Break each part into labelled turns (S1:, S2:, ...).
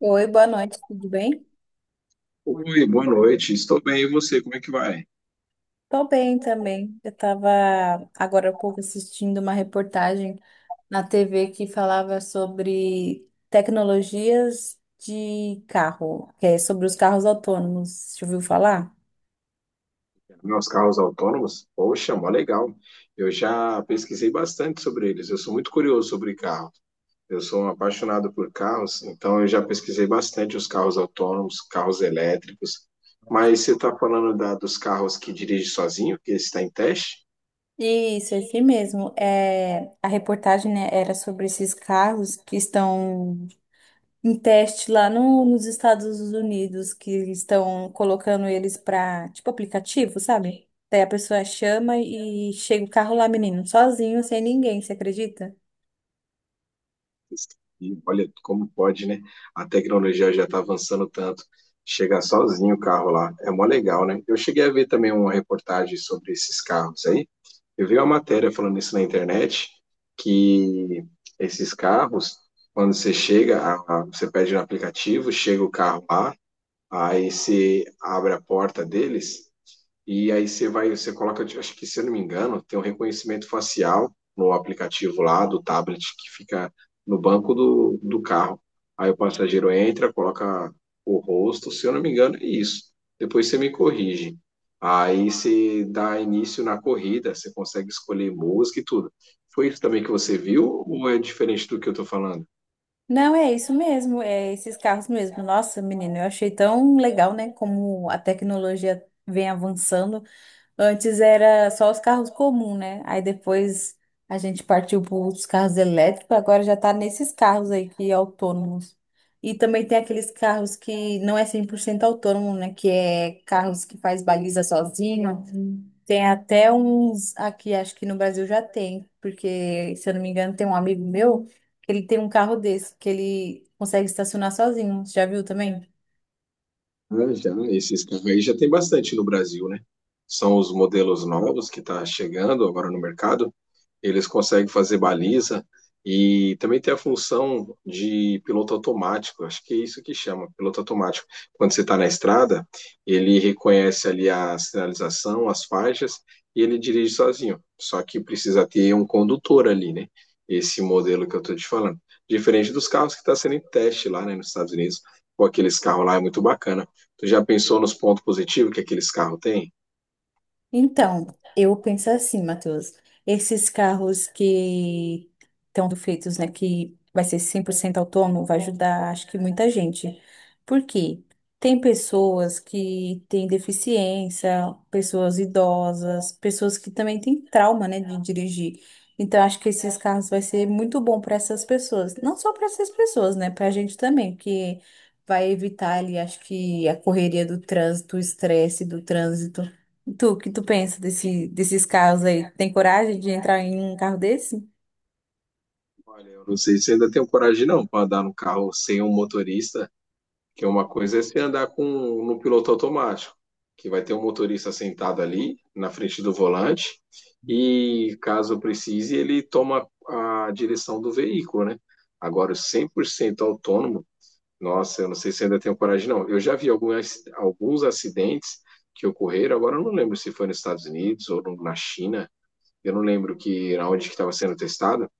S1: Oi, boa noite, tudo bem?
S2: Oi, boa noite. Estou bem, e você? Como é que vai?
S1: Tô bem também. Eu tava agora há pouco assistindo uma reportagem na TV que falava sobre tecnologias de carro, que é sobre os carros autônomos. Já ouviu falar?
S2: Meus carros autônomos? Poxa, mó legal. Eu já pesquisei bastante sobre eles. Eu sou muito curioso sobre carro. Eu sou um apaixonado por carros, então eu já pesquisei bastante os carros autônomos, carros elétricos. Mas você está falando dos carros que dirige sozinho, que está em teste?
S1: Isso, esse mesmo. É, a reportagem, né, era sobre esses carros que estão em teste lá nos Estados Unidos que eles estão colocando eles para tipo aplicativo, sabe? Daí a pessoa chama e chega o carro lá, menino, sozinho, sem ninguém, você acredita?
S2: E olha como pode, né? A tecnologia já está avançando tanto. Chega sozinho o carro lá, é mó legal, né? Eu cheguei a ver também uma reportagem sobre esses carros aí. Eu vi uma matéria falando isso na internet, que esses carros, quando você chega, você pede no aplicativo, chega o carro lá, aí você abre a porta deles, e aí você vai, você coloca, acho que se eu não me engano, tem um reconhecimento facial no aplicativo lá do tablet que fica no banco do carro. Aí o passageiro entra, coloca o rosto, se eu não me engano, é isso. Depois você me corrige. Aí você dá início na corrida, você consegue escolher música e tudo. Foi isso também que você viu ou é diferente do que eu tô falando?
S1: Não, é isso mesmo, é esses carros mesmo. Nossa, menino, eu achei tão legal, né? Como a tecnologia vem avançando. Antes era só os carros comuns, né? Aí depois a gente partiu para os carros elétricos, agora já tá nesses carros aí que é autônomos. E também tem aqueles carros que não é 100% autônomo, né? Que é carros que faz baliza sozinho. Tem até uns aqui, acho que no Brasil já tem, porque se eu não me engano tem um amigo meu que ele tem um carro desse, que ele consegue estacionar sozinho. Você já viu também?
S2: Ah, já, esses carros aí já tem bastante no Brasil, né? São os modelos novos que está chegando agora no mercado. Eles conseguem fazer baliza e também tem a função de piloto automático. Acho que é isso que chama, piloto automático. Quando você está na estrada, ele reconhece ali a sinalização, as faixas e ele dirige sozinho. Só que precisa ter um condutor ali, né? Esse modelo que eu estou te falando. Diferente dos carros que está sendo em teste lá, né, nos Estados Unidos. Pô, aqueles carros lá é muito bacana. Tu já pensou nos pontos positivos que aqueles carros têm?
S1: Então, eu penso assim, Matheus, esses carros que estão feitos, né, que vai ser 100% autônomo, vai ajudar, acho que muita gente. Por quê? Tem pessoas que têm deficiência, pessoas idosas, pessoas que também têm trauma, né, de dirigir. Então, acho que esses carros vai ser muito bom para essas pessoas. Não só para essas pessoas, né, para a gente também, porque vai evitar ali, acho que a correria do trânsito, o estresse do trânsito. Tu, que tu pensa desses carros aí? Tem coragem de entrar em um carro desse?
S2: Olha, eu não sei se ainda tenho coragem não para andar no carro sem um motorista, que é uma coisa é você andar com no piloto automático, que vai ter um motorista sentado ali na frente do volante e caso precise ele toma a direção do veículo, né? Agora o 100% autônomo, nossa, eu não sei se ainda tenho coragem não. Eu já vi alguns acidentes que ocorreram, agora eu não lembro se foi nos Estados Unidos ou na China, eu não lembro que onde que estava sendo testado,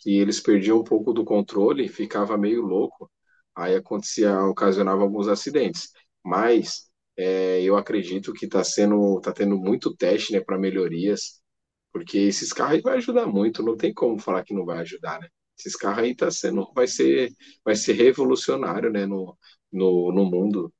S2: que eles perdiam um pouco do controle, e ficava meio louco, aí acontecia, ocasionava alguns acidentes. Mas é, eu acredito que tá tendo muito teste, né, para melhorias, porque esses carros aí vai ajudar muito, não tem como falar que não vai ajudar, né? Esses carros aí tá sendo, vai ser revolucionário, né, no mundo.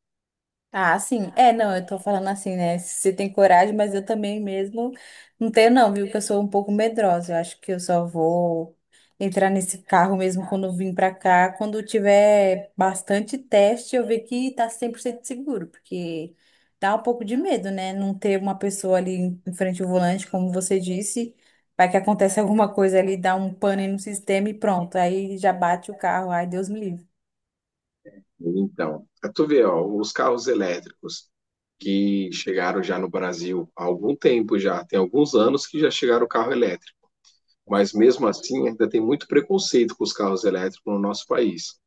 S1: Ah, sim. É, não, eu tô falando assim, né? Você tem coragem, mas eu também mesmo não tenho, não, viu? Que eu sou um pouco medrosa. Eu acho que eu só vou entrar nesse carro mesmo quando eu vim pra cá. Quando tiver bastante teste, eu ver que tá 100% seguro, porque dá um pouco de medo, né? Não ter uma pessoa ali em frente ao volante, como você disse. Vai que acontece alguma coisa ali, dá um pane no sistema e pronto. Aí já bate o carro. Ai, Deus me livre.
S2: Então, pra tu ver, ó, os carros elétricos que chegaram já no Brasil há algum tempo já, tem alguns anos que já chegaram o carro elétrico, mas mesmo assim ainda tem muito preconceito com os carros elétricos no nosso país.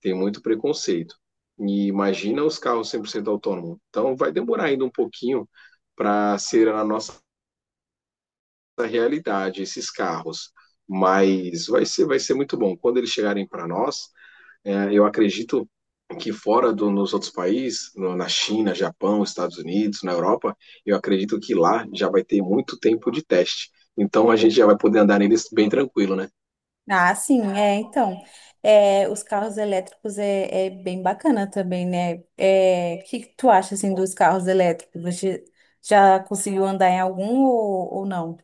S2: Tem muito preconceito. E imagina os carros 100% autônomos. Então vai demorar ainda um pouquinho para ser a nossa realidade esses carros, mas vai ser muito bom quando eles chegarem para nós. É, eu acredito que fora nos outros países, na China, Japão, Estados Unidos, na Europa, eu acredito que lá já vai ter muito tempo de teste. Então a gente já vai poder andar neles bem tranquilo, né?
S1: Ah, sim, é, então, é, os carros elétricos é bem bacana também, né? É, o que que tu acha, assim, dos carros elétricos? Você já conseguiu andar em algum ou não?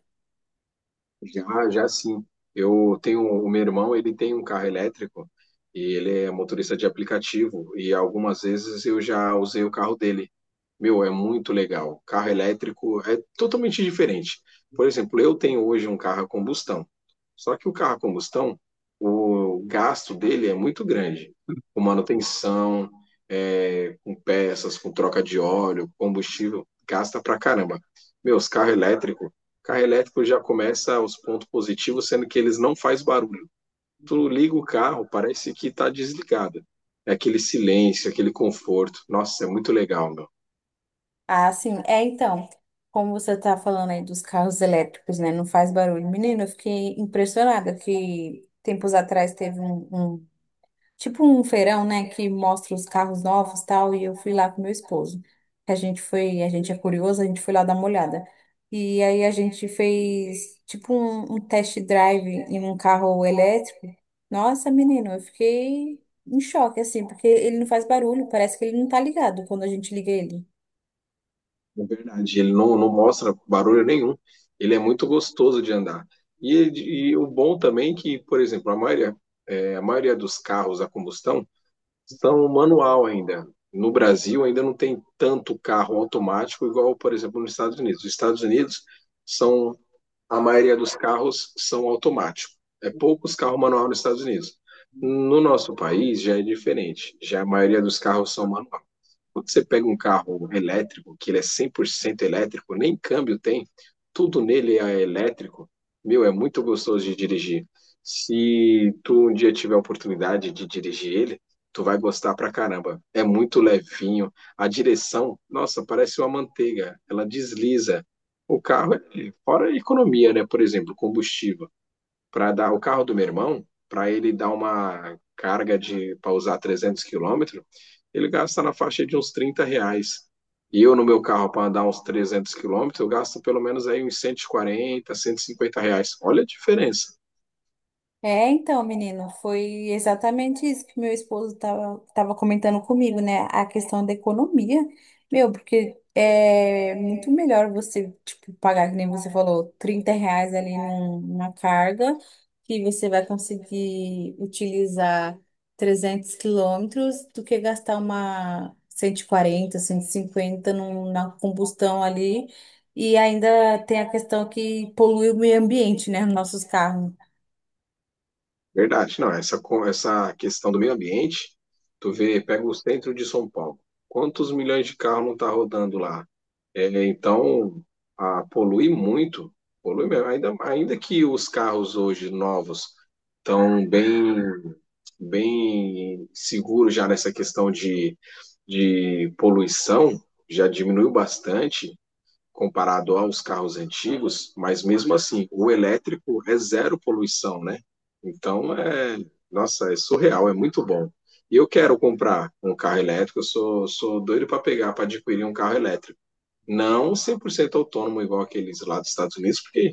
S2: Já, já sim. Eu tenho o meu irmão, ele tem um carro elétrico e ele é motorista de aplicativo e algumas vezes eu já usei o carro dele. Meu, é muito legal. Carro elétrico é totalmente diferente. Por exemplo, eu tenho hoje um carro a combustão. Só que o carro a combustão, o gasto dele é muito grande. Com manutenção, é, com peças, com troca de óleo, combustível, gasta pra caramba. Meus carro elétrico, carro elétrico já começa os pontos positivos, sendo que eles não faz barulho. Tu liga o carro, parece que tá desligado. É aquele silêncio, aquele conforto. Nossa, é muito legal, meu.
S1: Ah, sim, é, então, como você tá falando aí dos carros elétricos, né? Não faz barulho. Menino, eu fiquei impressionada que tempos atrás teve um tipo um feirão, né, que mostra os carros novos e tal, e eu fui lá com meu esposo. A gente foi, a gente é curioso, a gente foi lá dar uma olhada. E aí a gente fez tipo um test drive em um carro elétrico. Nossa, menino, eu fiquei em choque assim, porque ele não faz barulho, parece que ele não tá ligado quando a gente liga ele.
S2: Na verdade. Ele não mostra barulho nenhum. Ele é muito gostoso de andar. E o bom também é que, por exemplo, a maioria dos carros a combustão são manual ainda. No Brasil ainda não tem tanto carro automático igual, por exemplo, nos Estados Unidos. Os Estados Unidos são a maioria dos carros são automáticos. É poucos carros manual nos Estados Unidos. No nosso país já é diferente. Já a maioria dos carros são manual. Quando você pega um carro elétrico, que ele é 100% elétrico, nem câmbio tem, tudo nele é elétrico, meu, é muito gostoso de dirigir. Se tu um dia tiver a oportunidade de dirigir ele, tu vai gostar pra caramba. É muito levinho. A direção, nossa, parece uma manteiga. Ela desliza. O carro, é- Fora a economia, né? Por exemplo, combustível para dar o carro do meu irmão, para ele dar uma carga de para usar 300 quilômetros, ele gasta na faixa de uns R$ 30. E eu no meu carro para andar uns 300 quilômetros, eu gasto pelo menos aí uns 140 R$ 150. Olha a diferença.
S1: É, então, menino, foi exatamente isso que meu esposo estava tava comentando comigo, né? A questão da economia. Meu, porque é muito melhor você, tipo, pagar, que nem você falou, R$ 30 ali numa carga, que você vai conseguir utilizar 300 km, do que gastar uma cento e quarenta, 150 num, na combustão ali. E ainda tem a questão que polui o meio ambiente, né? Nossos carros.
S2: Verdade, não, essa questão do meio ambiente, tu vê, pega o centro de São Paulo, quantos milhões de carros não tá rodando lá? É, então, a, polui muito, polui mesmo, ainda que os carros hoje novos estão bem seguros já nessa questão de poluição, já diminuiu bastante, comparado aos carros antigos, mas mesmo assim, o elétrico é zero poluição, né? Então, é, nossa, é surreal, é muito bom. E eu quero comprar um carro elétrico, sou doido para pegar, para adquirir um carro elétrico. Não 100% autônomo, igual aqueles lá dos Estados Unidos, porque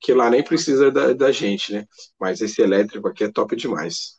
S2: que lá nem precisa da gente, né? Mas esse elétrico aqui é top demais.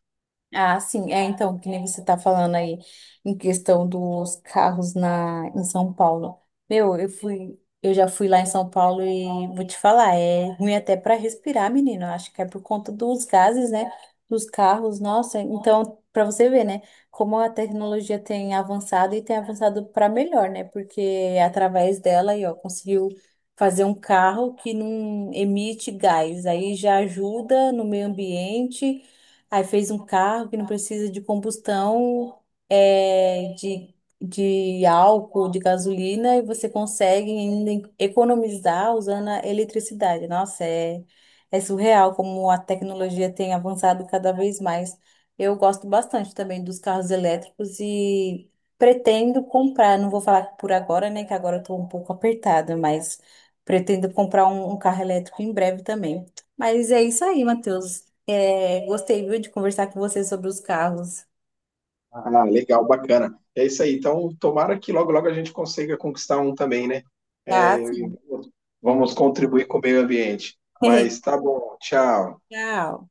S1: Ah, sim. É, então, que nem você tá falando aí em questão dos carros na, em São Paulo. Meu, eu fui, eu já fui lá em São Paulo e vou te falar, é ruim até para respirar, menino. Eu Acho que é por conta dos gases, né? Dos carros, nossa. Então, para você ver, né? Como a tecnologia tem avançado e tem avançado para melhor, né? Porque através dela aí, ó, conseguiu fazer um carro que não emite gás. Aí já ajuda no meio ambiente. Aí fez um carro que não precisa de combustão, é, de álcool, de gasolina, e você consegue ainda economizar usando a eletricidade. Nossa, é, surreal como a tecnologia tem avançado cada vez mais. Eu gosto bastante também dos carros elétricos e pretendo comprar. Não vou falar por agora, né? Que agora eu estou um pouco apertada, mas pretendo comprar um carro elétrico em breve também. Mas é isso aí, Matheus. É, gostei, viu, de conversar com você sobre os carros. Ah,
S2: Ah, legal, bacana. É isso aí. Então, tomara que logo, logo a gente consiga conquistar um também, né?
S1: Ah,
S2: É,
S1: sim.
S2: vamos contribuir com o meio ambiente. Mas tá bom, tchau.
S1: Tchau.